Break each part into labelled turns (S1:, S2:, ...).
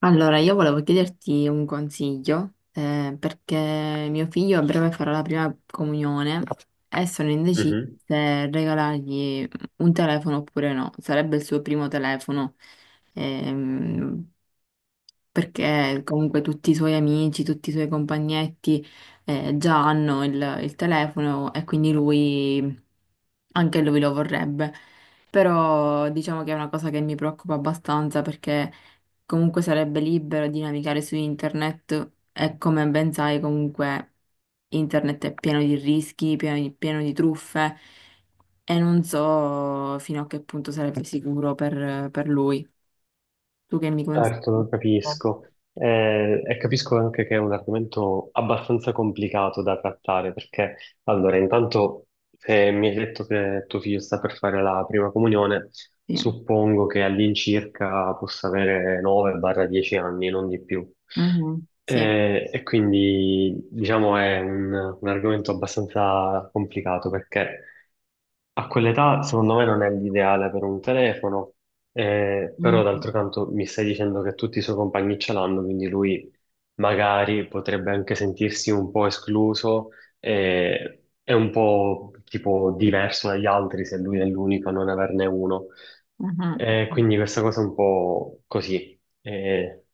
S1: Allora, io volevo chiederti un consiglio, perché mio figlio a breve farà la prima comunione e sono indecisa
S2: Mhm.
S1: se regalargli un telefono oppure no. Sarebbe il suo primo telefono, ehm, perché comunque tutti i suoi amici, tutti i suoi compagnetti, già hanno il telefono e quindi lui, anche lui lo vorrebbe. Però diciamo che è una cosa che mi preoccupa abbastanza perché comunque sarebbe libero di navigare su internet e come ben sai comunque internet è pieno di rischi, pieno di truffe e non so fino a che punto sarebbe sicuro per lui. Tu che mi consigli?
S2: Certo, lo capisco. E capisco anche che è un argomento abbastanza complicato da trattare, perché allora, intanto, se mi hai detto che tuo figlio sta per fare la prima comunione,
S1: Sì.
S2: suppongo che all'incirca possa avere 9-10 anni, non di più.
S1: Mhm, sì.
S2: E quindi, diciamo, un argomento abbastanza complicato, perché a quell'età, secondo me, non è l'ideale per un telefono, però
S1: Mhm,
S2: d'altro canto mi stai dicendo che tutti i suoi compagni ce l'hanno, quindi lui magari potrebbe anche sentirsi un po' escluso, è un po' tipo diverso dagli altri se lui è l'unico a non averne uno.
S1: mhm.
S2: Quindi questa cosa è un po' così. Eh,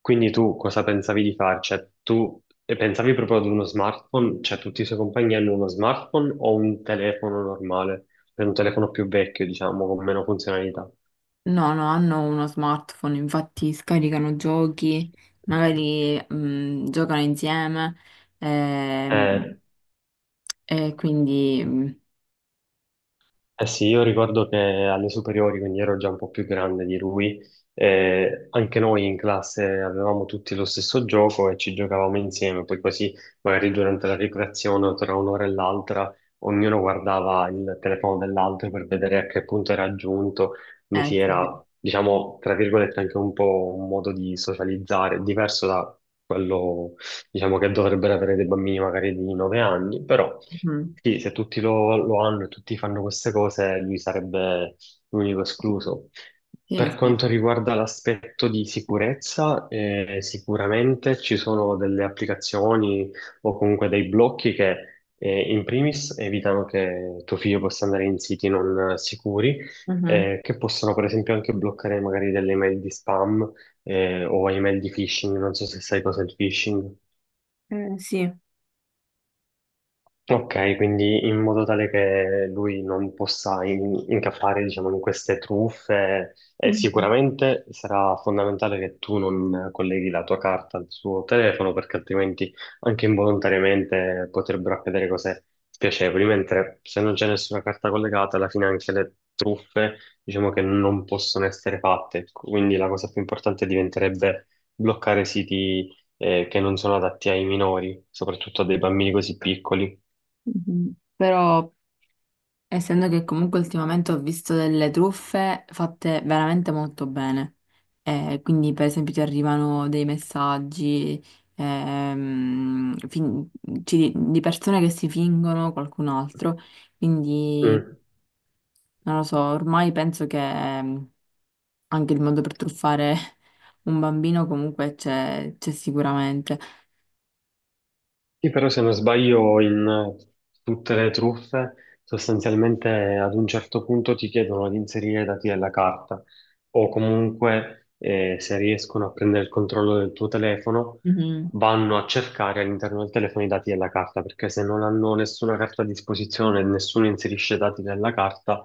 S2: quindi tu cosa pensavi di fare? Cioè, tu pensavi proprio ad uno smartphone? Cioè, tutti i suoi compagni hanno uno smartphone o un telefono normale? Per un telefono più vecchio, diciamo, con meno funzionalità.
S1: No, no, hanno uno smartphone, infatti scaricano giochi, magari giocano insieme, ehm,
S2: Eh,
S1: e quindi... mh,
S2: Eh sì, io ricordo che alle superiori, quindi ero già un po' più grande di lui, anche noi in classe avevamo tutti lo stesso gioco e ci giocavamo insieme, poi così magari durante la ricreazione o tra un'ora e l'altra ognuno guardava il telefono dell'altro per vedere a che punto era giunto, quindi sì,
S1: sì.
S2: era, diciamo, tra virgolette anche un po' un modo di socializzare, diverso da quello, diciamo, che dovrebbero avere dei bambini magari di 9 anni, però...
S1: Mm,
S2: Sì, se tutti lo hanno e tutti fanno queste cose, lui sarebbe l'unico escluso.
S1: sì,
S2: Per
S1: sì.
S2: quanto riguarda l'aspetto di sicurezza, sicuramente ci sono delle applicazioni o comunque dei blocchi che in primis evitano che tuo figlio possa andare in siti non sicuri,
S1: Mhm.
S2: che possono per esempio anche bloccare magari delle email di spam o email di phishing, non so se sai cosa è il phishing.
S1: Sì.
S2: Ok, quindi in modo tale che lui non possa incappare, diciamo, in queste truffe, e
S1: Mhm,
S2: sicuramente sarà fondamentale che tu non colleghi la tua carta al suo telefono, perché altrimenti anche involontariamente potrebbero accadere cose spiacevoli, mentre se non c'è nessuna carta collegata, alla fine anche le truffe, diciamo che non possono essere fatte. Quindi la cosa più importante diventerebbe bloccare siti, che non sono adatti ai minori, soprattutto a dei bambini così piccoli.
S1: mhm. Però essendo che comunque ultimamente ho visto delle truffe fatte veramente molto bene. Quindi per esempio ti arrivano dei messaggi, ehm, fin- di persone che si fingono qualcun altro, quindi
S2: Mh.
S1: non lo so, ormai penso che anche il modo per truffare un bambino comunque c'è sicuramente.
S2: Sì, però se non sbaglio in tutte le truffe sostanzialmente ad un certo punto ti chiedono di inserire i dati della carta o comunque se riescono a prendere il controllo del tuo telefono
S1: Mhm.
S2: vanno a cercare all'interno del telefono i dati della carta, perché se non hanno nessuna carta a disposizione e nessuno inserisce i dati della carta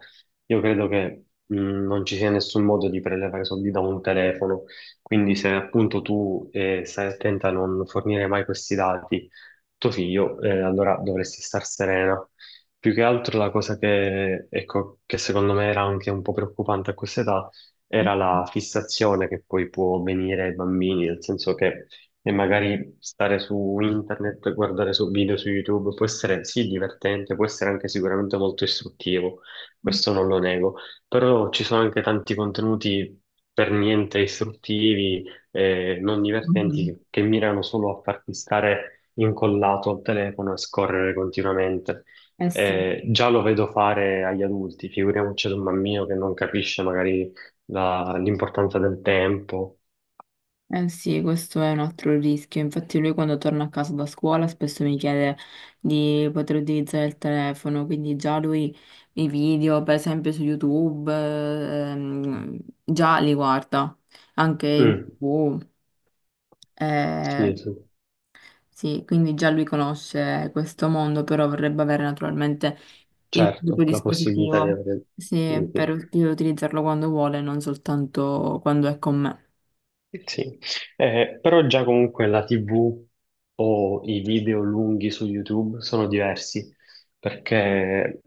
S2: io credo che non ci sia nessun modo di prelevare soldi da un telefono, quindi se appunto tu stai attenta a non fornire mai questi dati tuo figlio, allora dovresti star serena. Più che altro la cosa che, ecco, che secondo me era anche un po' preoccupante a questa età era la fissazione che poi può venire ai bambini, nel senso che magari stare su internet, guardare su video su YouTube può essere sì divertente, può essere anche sicuramente molto istruttivo, questo non lo nego, però ci sono anche tanti contenuti per niente istruttivi, non divertenti,
S1: Mhm.
S2: che mirano solo a farti stare incollato al telefono e scorrere continuamente.
S1: Eh sì,
S2: Già lo vedo fare agli adulti, figuriamoci ad un bambino che non capisce magari l'importanza del tempo.
S1: eh sì, questo è un altro rischio. Infatti lui quando torna a casa da scuola spesso mi chiede di poter utilizzare il telefono, quindi già lui i video, per esempio su YouTube, già li guarda, anche in
S2: Mm,
S1: TV. Eh,
S2: sì, sì,
S1: sì, quindi già lui conosce questo mondo, però vorrebbe avere naturalmente il proprio
S2: certo, la possibilità di
S1: dispositivo,
S2: avere...
S1: sì,
S2: Sì,
S1: per
S2: sì.
S1: utilizzarlo quando vuole, non soltanto quando è con
S2: Sì, però già comunque la TV o i video lunghi su YouTube sono diversi, perché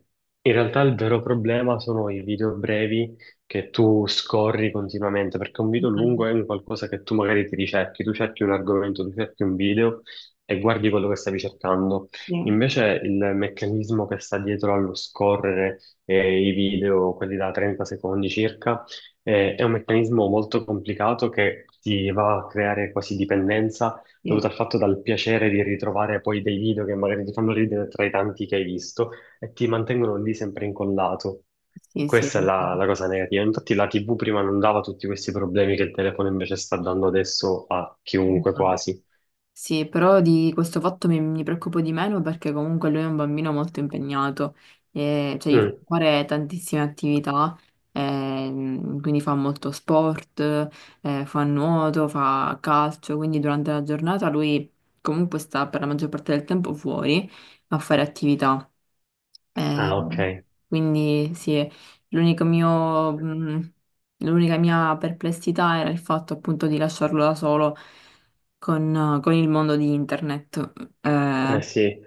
S2: in realtà il vero problema sono i video brevi che tu scorri continuamente, perché un video lungo
S1: me.
S2: è un qualcosa che tu magari ti ricerchi, tu cerchi un argomento, tu cerchi un video e guardi quello che stavi cercando.
S1: Sì,
S2: Invece il meccanismo che sta dietro allo scorrere i video, quelli da 30 secondi circa, è un meccanismo molto complicato che ti va a creare quasi dipendenza
S1: sì,
S2: dovuta al fatto dal piacere di ritrovare poi dei video che magari ti fanno ridere tra i tanti che hai visto e ti mantengono lì sempre incollato.
S1: sì, sì,
S2: Questa è la,
S1: d'accordo.
S2: la cosa negativa. Infatti la TV prima non dava tutti questi problemi che il telefono invece sta dando adesso a chiunque
S1: Mhm.
S2: quasi.
S1: Sì, però di questo fatto mi preoccupo di meno perché comunque lui è un bambino molto impegnato, e, cioè gli fa
S2: Mm.
S1: fare tantissime attività, quindi fa molto sport, fa nuoto, fa calcio, quindi durante la giornata lui comunque sta per la maggior parte del tempo fuori a fare attività. Eh,
S2: Ah, ok.
S1: quindi sì, l'unico mio, mh, l'unica mia perplessità era il fatto appunto di lasciarlo da solo con il mondo di internet. Eh,
S2: Eh sì,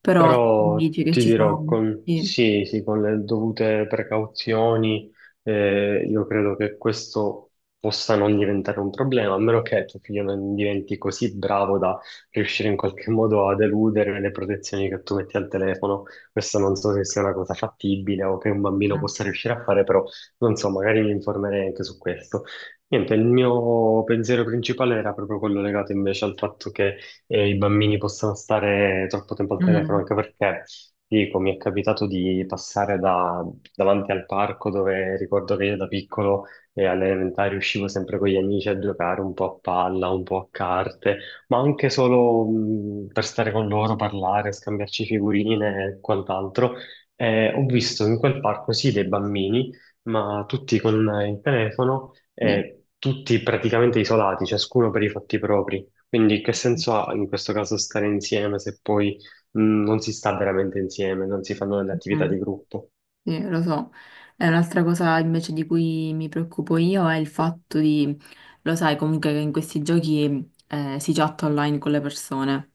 S1: però tu
S2: però
S1: dici che
S2: ti
S1: ci sono...
S2: dirò, con,
S1: Sì,
S2: sì, sì, con le dovute precauzioni, io credo che questo possa non diventare un problema, a meno che tuo figlio non diventi così bravo da riuscire in qualche modo ad eludere le protezioni che tu metti al telefono. Questo non so se sia una cosa fattibile o che un bambino
S1: eh,
S2: possa riuscire a fare, però non so, magari mi informerei anche su questo. Niente, il mio pensiero principale era proprio quello legato invece al fatto che i bambini possano stare troppo tempo al telefono,
S1: mm,
S2: anche perché, dico, mi è capitato di passare davanti al parco dove ricordo che io da piccolo alle elementari uscivo sempre con gli amici a giocare un po' a palla, un po' a carte, ma anche solo per stare con loro, parlare, scambiarci figurine e quant'altro. Ho visto in quel parco sì dei bambini, ma tutti con il telefono
S1: sì,
S2: e tutti praticamente isolati, ciascuno per i fatti propri. Quindi che senso ha in questo caso stare insieme se poi non si sta veramente insieme, non si fanno delle
S1: mm,
S2: attività di gruppo?
S1: sì, lo so. E un'altra cosa invece di cui mi preoccupo io è il fatto di, lo sai comunque che in questi giochi si chatta online con le persone.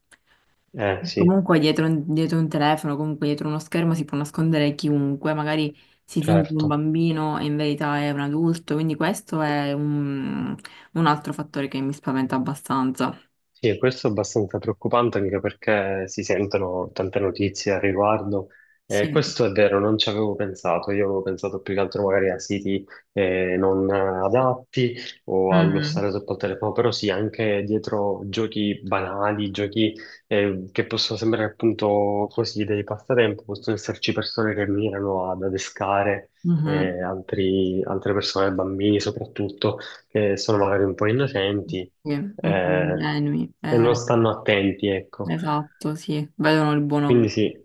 S2: Eh sì,
S1: Comunque dietro un telefono, comunque dietro uno schermo si può nascondere chiunque, magari si finge un
S2: certo.
S1: bambino e in verità è un adulto, quindi questo è un altro fattore che mi spaventa abbastanza.
S2: Sì, e questo è abbastanza preoccupante anche perché si sentono tante notizie al riguardo.
S1: Sì.
S2: Questo è vero, non ci avevo pensato. Io avevo pensato più che altro magari a siti non adatti o allo
S1: Mhm.
S2: stare sotto al telefono, però sì, anche dietro giochi banali, giochi che possono sembrare appunto così dei passatempo, possono esserci persone che mirano ad adescare
S1: Mhm.
S2: altre persone, bambini soprattutto che sono magari un po' innocenti
S1: Sì, un po'
S2: eh,
S1: ingenui.
S2: e non stanno attenti, ecco.
S1: Esatto, sì, vedono il buono
S2: Quindi
S1: ovunque.
S2: sì,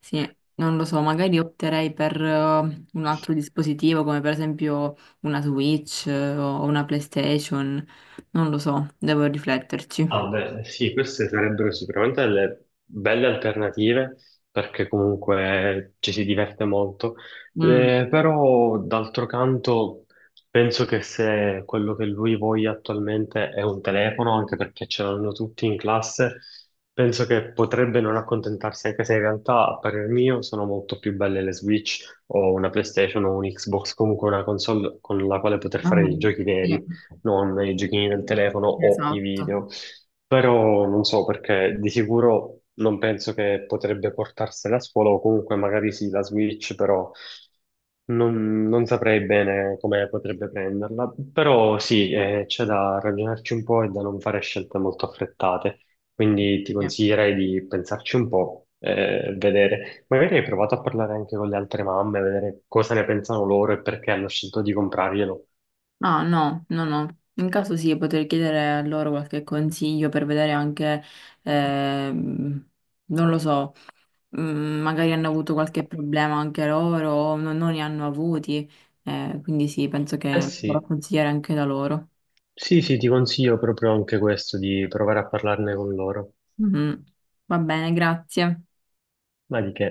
S1: Sì, non lo so, magari opterei per un altro dispositivo come per esempio una Switch o una PlayStation, non lo so, devo
S2: ah,
S1: rifletterci.
S2: beh, sì, queste sarebbero sicuramente delle belle alternative perché comunque ci si diverte molto.
S1: Mm,
S2: Però d'altro canto penso che se quello che lui voglia attualmente è un telefono, anche perché ce l'hanno tutti in classe, penso che potrebbe non accontentarsi, anche se in realtà a parer mio sono molto più belle le Switch o una PlayStation o un Xbox, comunque una console con la quale poter fare i
S1: mhm,
S2: giochi
S1: sì,
S2: veri, non i giochini del telefono o i
S1: esatto.
S2: video. Però non so perché di sicuro non penso che potrebbe portarsela a scuola o comunque magari sì, la Switch, però non saprei bene come potrebbe prenderla. Però sì, c'è da ragionarci un po' e da non fare scelte molto affrettate. Quindi ti
S1: Sì.
S2: consiglierei di pensarci un po', vedere. Magari hai provato a parlare anche con le altre mamme, vedere cosa ne pensano loro e perché hanno scelto di comprarglielo.
S1: No, no, no, no. In caso sì, potrei chiedere a loro qualche consiglio per vedere anche, ehm, non lo so. Mm, magari hanno avuto qualche problema anche loro, o non ne hanno avuti, quindi sì, penso
S2: Eh
S1: che vorrò
S2: sì,
S1: consigliare anche da loro.
S2: sì, sì, ti consiglio proprio anche questo, di provare a parlarne con loro.
S1: Mhm. Va bene, grazie.
S2: Ma di che?